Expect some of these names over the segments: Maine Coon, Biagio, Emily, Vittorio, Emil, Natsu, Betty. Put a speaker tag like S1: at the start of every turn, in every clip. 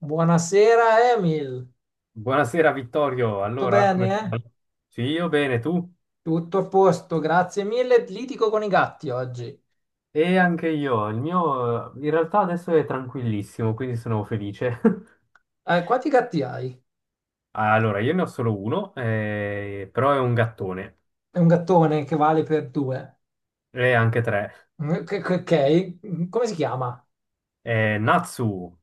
S1: Buonasera Emil,
S2: Buonasera Vittorio,
S1: tutto
S2: allora
S1: bene,
S2: come
S1: eh?
S2: stai? Sì, io bene, tu?
S1: Tutto a posto, grazie mille. Litigo con i gatti oggi.
S2: E anche io, il mio in realtà adesso è tranquillissimo, quindi sono felice.
S1: Quanti gatti hai?
S2: Allora, io ne ho solo uno, però è un gattone,
S1: È un gattone che vale per due.
S2: e anche tre.
S1: Ok. Come si chiama?
S2: È Natsu,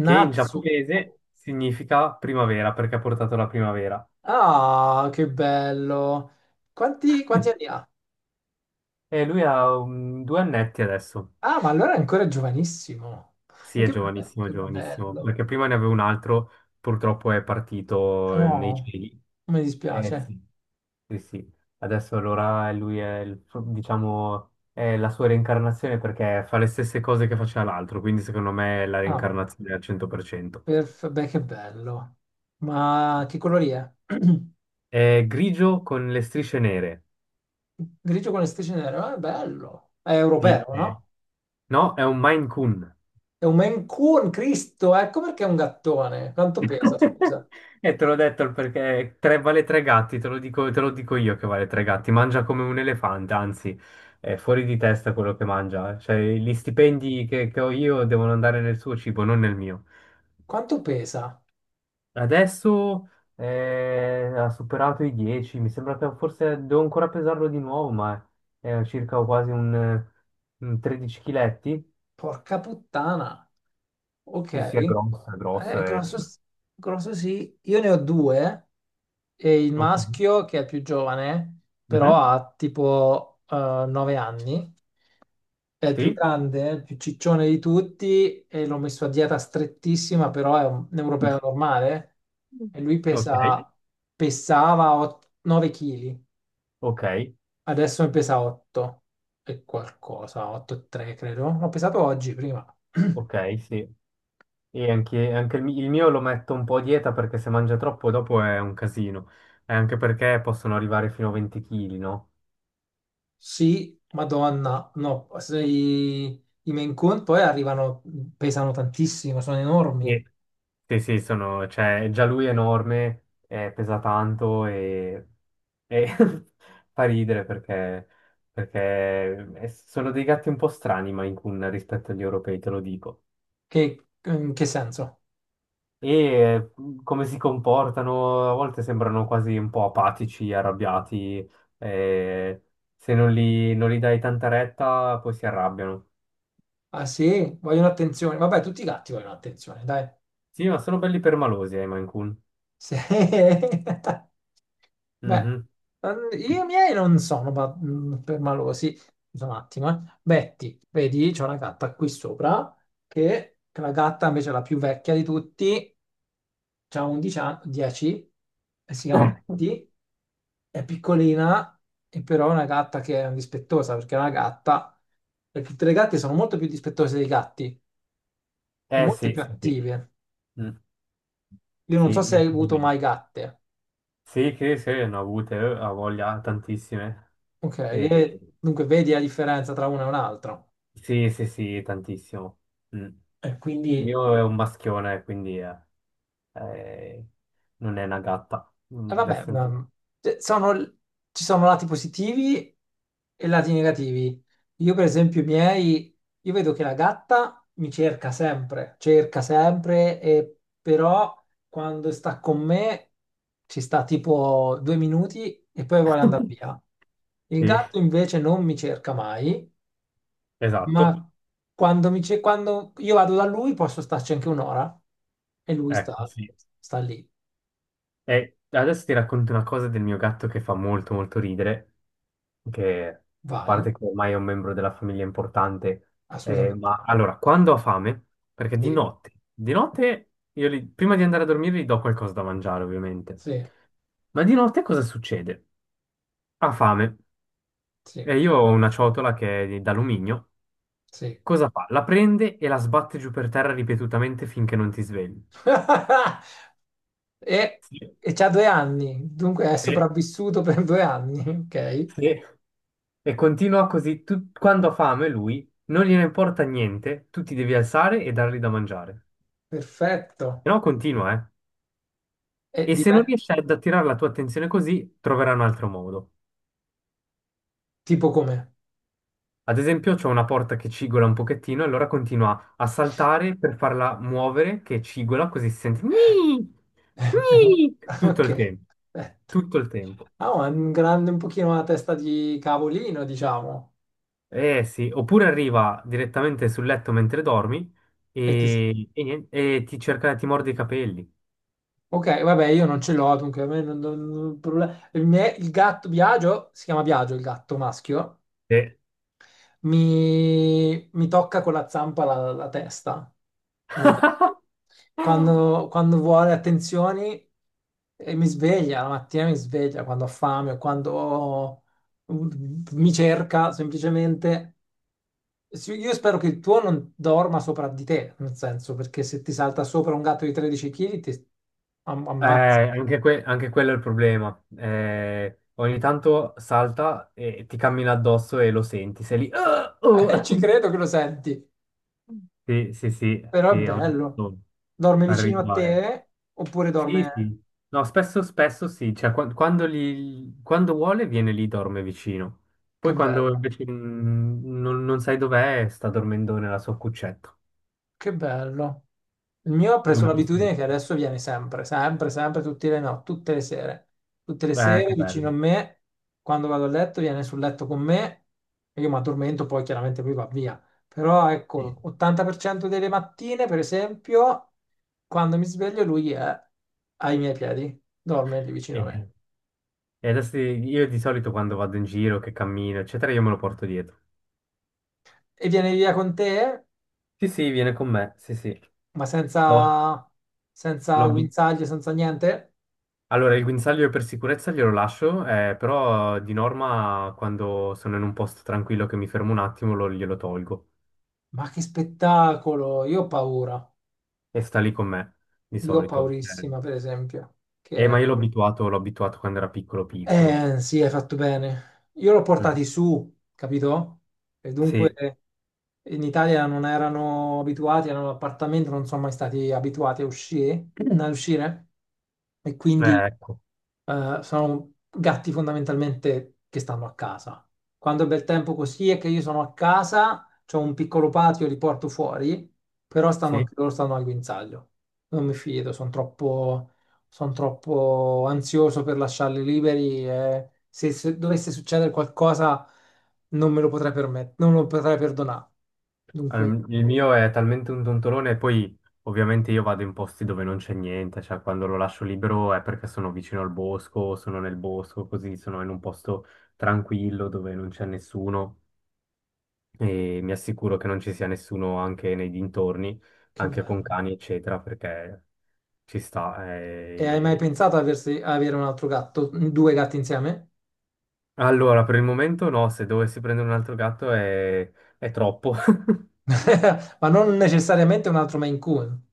S2: che in giapponese significa primavera, perché ha portato la primavera.
S1: Ah, che bello. Quanti anni ha?
S2: E lui ha due annetti adesso.
S1: Ah, ma allora è ancora giovanissimo.
S2: Sì, è giovanissimo,
S1: Che
S2: giovanissimo,
S1: bello.
S2: perché prima ne avevo un altro, purtroppo è partito nei
S1: Oh,
S2: cieli.
S1: mi
S2: Eh
S1: dispiace.
S2: sì. Sì, sì, adesso allora lui è, diciamo, è la sua reincarnazione perché fa le stesse cose che faceva l'altro, quindi secondo me è la
S1: Ah,
S2: reincarnazione al 100%.
S1: Beh, che bello. Ma che colori è?
S2: È grigio con le strisce nere.
S1: Grigio con le strisce nere, ma è bello. È
S2: Sì,
S1: europeo,
S2: sì.
S1: no?
S2: No, è un Maine Coon.
S1: È un Maine Coon, Cristo, ecco perché è un gattone. Quanto pesa, scusa?
S2: E te l'ho detto perché vale tre gatti, te lo dico io che vale tre gatti. Mangia come un elefante, anzi, è fuori di testa quello che mangia. Cioè, gli stipendi che ho io devono andare nel suo cibo, non nel mio.
S1: Quanto pesa?
S2: Adesso ha superato i 10, mi sembra che forse devo ancora pesarlo di nuovo, ma è circa quasi un 13 chiletti.
S1: Porca puttana. Ok,
S2: Sì, sì, è grosso, è grosso. È...
S1: grosso, grosso sì. Io ne ho due e il
S2: Ok.
S1: maschio che è più giovane, però
S2: Mhm.
S1: ha tipo 9 anni, è il più
S2: Sì,
S1: grande, il più ciccione di tutti e l'ho messo a dieta strettissima, però è un europeo normale e lui
S2: ok,
S1: pesa, pesava 9 chili,
S2: ok,
S1: adesso ne pesa 8 e qualcosa, 8,3 credo. L'ho pesato oggi prima.
S2: ok, sì. E anche, anche il mio lo metto un po' a dieta perché se mangia troppo dopo è un casino. E anche perché possono arrivare fino a 20 kg, no?
S1: Sì, Madonna. No, se i, i Maine Coon poi arrivano, pesano tantissimo, sono enormi.
S2: Sì, sì, sono, cioè, già lui è enorme, pesa tanto e fa ridere perché, sono dei gatti un po' strani, Maine Coon, rispetto agli europei, te lo dico.
S1: Che, in che senso?
S2: Come si comportano, a volte sembrano quasi un po' apatici, arrabbiati, eh, se non li dai tanta retta poi si arrabbiano.
S1: Ah sì, vogliono attenzione. Vabbè, tutti i gatti vogliono attenzione, dai.
S2: Sì, ma sono belli permalosi, i Maine Coon.
S1: Sì. Beh,
S2: Mhm.
S1: io i miei non sono permalosi. Scusa un attimo, eh. Betty, vedi, c'è una gatta qui sopra, che la gatta invece è la più vecchia di tutti, ha 11 anni, 10, e si chiama Betty, è piccolina, e però è una gatta che è dispettosa, perché è una gatta, e tutte le gatte sono molto più dispettose dei gatti, e
S2: Eh
S1: molto
S2: sì,
S1: più
S2: sì, sì.
S1: attive.
S2: Mm,
S1: Io non so
S2: sì,
S1: se hai avuto mai
S2: decisamente.
S1: gatte.
S2: Sì, che sì, ne ho avute, ho voglia, tantissime.
S1: Ok,
S2: E-
S1: e dunque vedi la differenza tra una e un'altra.
S2: Sì, sì, sì, tantissimo. Mm.
S1: E
S2: Il
S1: quindi,
S2: mio è un maschione, quindi eh, non è una gatta. Mm,
S1: e vabbè,
S2: adesso...
S1: cioè, ci sono lati positivi e lati negativi. Io, per esempio, i miei, io vedo che la gatta mi cerca sempre, e però quando sta con me ci sta tipo due minuti e poi vuole andare via. Il
S2: Sì,
S1: gatto invece non mi cerca mai.
S2: esatto.
S1: Ma quando io vado da lui posso starci anche un'ora e lui
S2: Ecco,
S1: sta,
S2: sì.
S1: sta lì.
S2: E adesso ti racconto una cosa del mio gatto che fa molto, molto ridere. Che a
S1: Vai,
S2: parte che ormai è un membro della famiglia importante,
S1: assolutamente.
S2: ma allora, quando ho fame, perché
S1: Sì,
S2: di notte io prima di andare a dormire gli do qualcosa da mangiare, ovviamente.
S1: sì,
S2: Ma di notte cosa succede? Ha fame
S1: sì,
S2: e io ho una ciotola che è d'alluminio.
S1: sì.
S2: Cosa fa? La prende e la sbatte giù per terra ripetutamente finché non ti svegli.
S1: E,
S2: Sì,
S1: e c'ha due anni, dunque è
S2: sì,
S1: sopravvissuto per due anni. Ok,
S2: sì. E continua così, quando ha fame lui, non gliene importa niente, tu ti devi alzare e dargli da mangiare.
S1: perfetto.
S2: Se no continua, eh.
S1: E
S2: E se non
S1: dipende,
S2: riesci ad attirare la tua attenzione così, troverai un altro modo.
S1: tipo come?
S2: Ad esempio, c'è una porta che cigola un pochettino, e allora continua a saltare per farla muovere, che cigola, così si sente "Gni! Gni!" tutto
S1: Ok,
S2: il tempo,
S1: perfetto.
S2: tutto il tempo.
S1: Ah, ma è un grande, un pochino una testa di cavolino, diciamo.
S2: Eh sì, oppure arriva direttamente sul letto mentre dormi
S1: E ti,
S2: e niente, e ti cerca, ti morde i capelli.
S1: ok, vabbè, io non ce l'ho, dunque a me problema. Il gatto Biagio, si chiama Biagio il gatto maschio,
S2: Eh,
S1: mi tocca con la zampa la testa. Mi- Quando vuole attenzioni e mi sveglia, la mattina mi sveglia quando ho fame o mi cerca semplicemente. Sì, io spero che il tuo non dorma sopra di te, nel senso, perché se ti salta sopra un gatto di 13 chili ti ammazza.
S2: Anche, anche quello è il problema. Ogni tanto salta e ti cammina addosso e lo senti. Sei lì. "Ah, oh".
S1: Ci credo che lo senti,
S2: Sì, sì, sì,
S1: però è
S2: sì, ogni
S1: bello.
S2: tanto
S1: Dorme vicino a
S2: arriva, eh.
S1: te oppure
S2: Sì,
S1: dorme...
S2: sì. No, spesso, spesso sì. Cioè, quando vuole viene lì, dorme vicino. Poi
S1: Che
S2: quando
S1: bello,
S2: invece non sai dov'è, sta dormendo nella sua cuccetta.
S1: che bello. Il mio ha preso
S2: Un
S1: l'abitudine che
S2: giusto.
S1: adesso viene sempre, sempre, sempre, tutte le no, tutte le sere. Tutte le sere
S2: Che
S1: vicino a
S2: bello.
S1: me, quando vado a letto, viene sul letto con me e io mi addormento, poi chiaramente lui va via. Però
S2: Sì.
S1: ecco, 80% delle mattine, per esempio, quando mi sveglio lui è ai miei piedi, dorme lì vicino a me.
S2: Eh. E adesso io di solito quando vado in giro, che cammino, eccetera, io me lo porto dietro.
S1: E viene via con te?
S2: Sì, sì, viene con me, sì, sì.
S1: Ma
S2: No. L'ho
S1: senza
S2: abi-
S1: guinzaglie, senza niente?
S2: Allora, il guinzaglio per sicurezza glielo lascio, però di norma quando sono in un posto tranquillo che mi fermo un attimo glielo tolgo
S1: Ma che spettacolo! Io ho paura.
S2: e sta lì con me, di
S1: Io ho
S2: solito.
S1: paurissima, per esempio. Che è...
S2: Ma io l'ho abituato quando era piccolo, piccolo.
S1: Sì, hai fatto bene. Io l'ho
S2: Mm.
S1: portati su, capito? E
S2: Sì,
S1: dunque in Italia non erano abituati, erano all'appartamento, non sono mai stati abituati a uscire, a uscire. E quindi
S2: ecco,
S1: sono gatti fondamentalmente che stanno a casa. Quando è bel tempo così è che io sono a casa, c'ho un piccolo patio, li porto fuori, però stanno
S2: sì.
S1: anche loro stanno al guinzaglio. Non mi fido, sono troppo, son troppo ansioso per lasciarli liberi e se, se dovesse succedere qualcosa non me lo potrei permettere, non lo potrei perdonare. Dunque,
S2: Il mio è talmente un tontolone, e poi ovviamente io vado in posti dove non c'è niente, cioè quando lo lascio libero è perché sono vicino al bosco, sono nel bosco, così sono in un posto tranquillo dove non c'è nessuno e mi assicuro che non ci sia nessuno anche nei dintorni,
S1: che
S2: anche con
S1: bello.
S2: cani, eccetera, perché ci sta,
S1: E hai mai
S2: eh.
S1: pensato a avere un altro gatto, due gatti insieme?
S2: Allora, per il momento no, se dovessi prendere un altro gatto è troppo.
S1: Ma non necessariamente un altro Maine Coon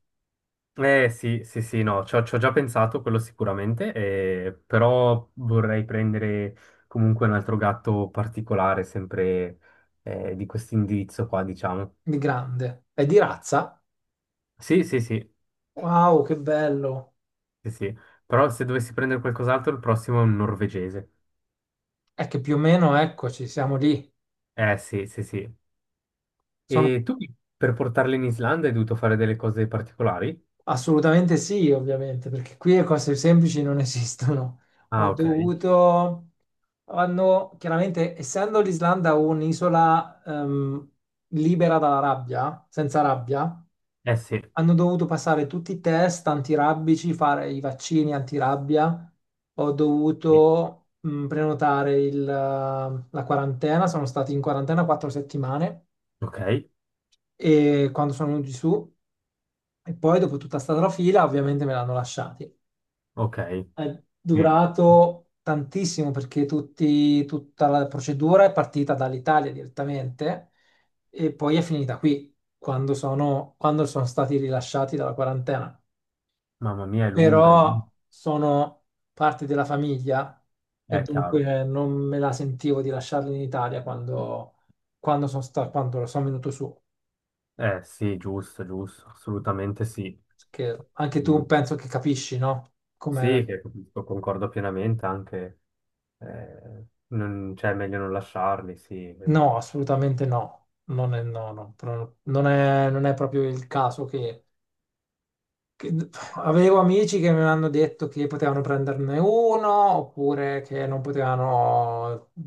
S2: Eh sì, sì, sì, no, ci ho già pensato, quello sicuramente, però vorrei prendere comunque un altro gatto particolare, sempre di questo indirizzo qua, diciamo.
S1: di grande. È di razza?
S2: Sì, sì, sì,
S1: Wow, che bello!
S2: sì, sì, però se dovessi prendere qualcos'altro, il prossimo è un norvegese.
S1: È che più o meno, eccoci, siamo lì.
S2: Eh sì, sì, sì.
S1: Sono
S2: E tu per portarli in Islanda hai dovuto fare delle cose particolari?
S1: assolutamente sì, ovviamente, perché qui le cose semplici non esistono. Ho
S2: Ah, ok.
S1: dovuto... Hanno, chiaramente, essendo l'Islanda un'isola libera dalla rabbia, senza rabbia,
S2: Eh sì,
S1: hanno dovuto passare tutti i test antirabbici, fare i vaccini antirabbia. Ho
S2: sì.
S1: dovuto prenotare la quarantena, sono stati in quarantena 4 settimane
S2: Ok,
S1: e quando sono venuti su, e poi dopo tutta sta trafila, ovviamente me l'hanno lasciati.
S2: ok.
S1: È durato tantissimo perché tutta la procedura è partita dall'Italia direttamente e poi è finita qui quando sono stati rilasciati dalla quarantena.
S2: Mamma mia, è lunga, è lunga.
S1: Però sono parte della famiglia e
S2: È chiaro.
S1: dunque non me la sentivo di lasciarli in Italia quando sono venuto su.
S2: Eh sì, giusto, giusto, assolutamente sì.
S1: Perché anche
S2: Mm,
S1: tu penso che capisci, no?
S2: sì,
S1: Come...
S2: che lo concordo pienamente, anche non, cioè, è meglio non lasciarli, sì. No,
S1: No, assolutamente no. Non è, non è proprio il caso che. Avevo amici che mi hanno detto che potevano prenderne uno oppure che non potevano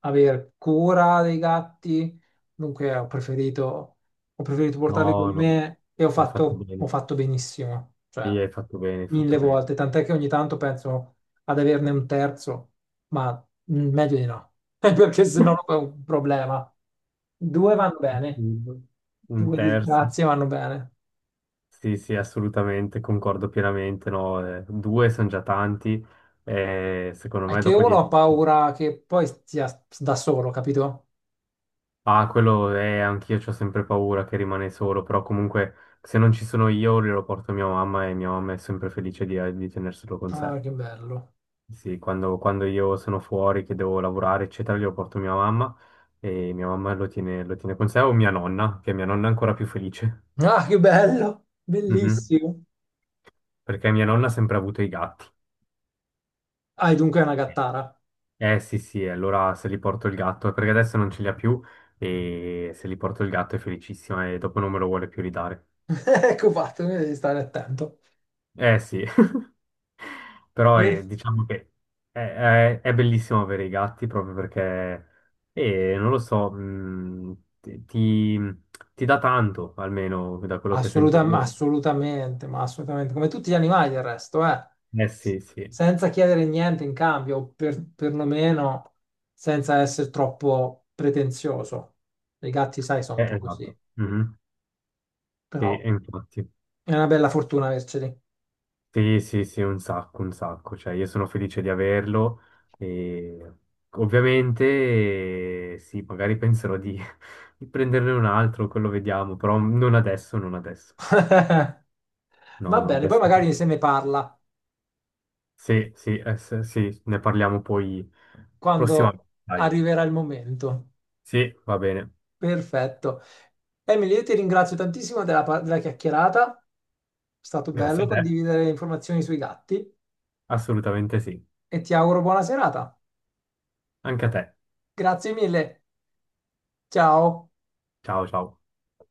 S1: avere cura dei gatti, dunque ho preferito portarli con
S2: no, no,
S1: me e
S2: hai fatto bene.
S1: ho fatto benissimo,
S2: Sì,
S1: cioè
S2: hai fatto bene, hai
S1: mille
S2: fatto bene.
S1: volte, tant'è che ogni tanto penso ad averne un terzo, ma meglio di no, perché se no è un problema. Due vanno bene,
S2: Mm. Un
S1: due
S2: terzo.
S1: disgrazie vanno bene.
S2: Sì, sì, assolutamente, concordo pienamente, no, due sono già tanti, secondo
S1: È
S2: me
S1: che
S2: dopo
S1: uno
S2: di...
S1: ha paura che poi sia da solo, capito?
S2: Ah, quello è, anch'io ho sempre paura che rimane solo, però comunque se non ci sono io glielo porto a mia mamma e mia mamma è sempre felice di tenerselo con sé.
S1: Ah, che bello.
S2: Sì, quando io sono fuori, che devo lavorare, eccetera, glielo porto a mia mamma e mia mamma lo tiene con sé o mia nonna, che mia nonna è ancora più felice.
S1: Ah, che bello.
S2: Mhm.
S1: Bellissimo.
S2: Perché mia nonna ha sempre avuto i gatti.
S1: Ah, e dunque è una gattara.
S2: Eh sì, sì, allora se li porto il gatto, perché adesso non ce li ha più e se li porto il gatto è felicissima e dopo non me lo vuole più ridare.
S1: Ecco fatto, quindi devi stare attento.
S2: Eh sì. Però
S1: Sì.
S2: diciamo che è, è bellissimo avere i gatti proprio perché, non lo so, ti dà tanto, almeno da quello che sento
S1: Ma
S2: io.
S1: assolutamente, ma assolutamente. Come tutti gli animali del resto, eh.
S2: Eh sì, sì,
S1: Senza chiedere niente in cambio, perlomeno senza essere troppo pretenzioso. I gatti, sai, sono un po' così.
S2: esatto. Mhm. Sì,
S1: Però
S2: e infatti.
S1: è una bella fortuna averceli.
S2: Sì, sì, sì, un sacco, un sacco. Cioè, io sono felice di averlo e ovviamente sì, magari penserò di prenderne un altro, quello vediamo, però non adesso, non adesso.
S1: Va
S2: No, no,
S1: bene, poi
S2: adesso, no.
S1: magari se ne parla
S2: Sì, sì, sì, ne parliamo poi
S1: quando
S2: prossimamente. Dai.
S1: arriverà il momento.
S2: Sì, va bene.
S1: Perfetto. Emily, io ti ringrazio tantissimo della chiacchierata. È stato
S2: Grazie
S1: bello
S2: a te.
S1: condividere informazioni sui gatti
S2: Assolutamente sì.
S1: e ti auguro buona serata.
S2: Anche a te.
S1: Grazie mille. Ciao.
S2: Ciao, ciao.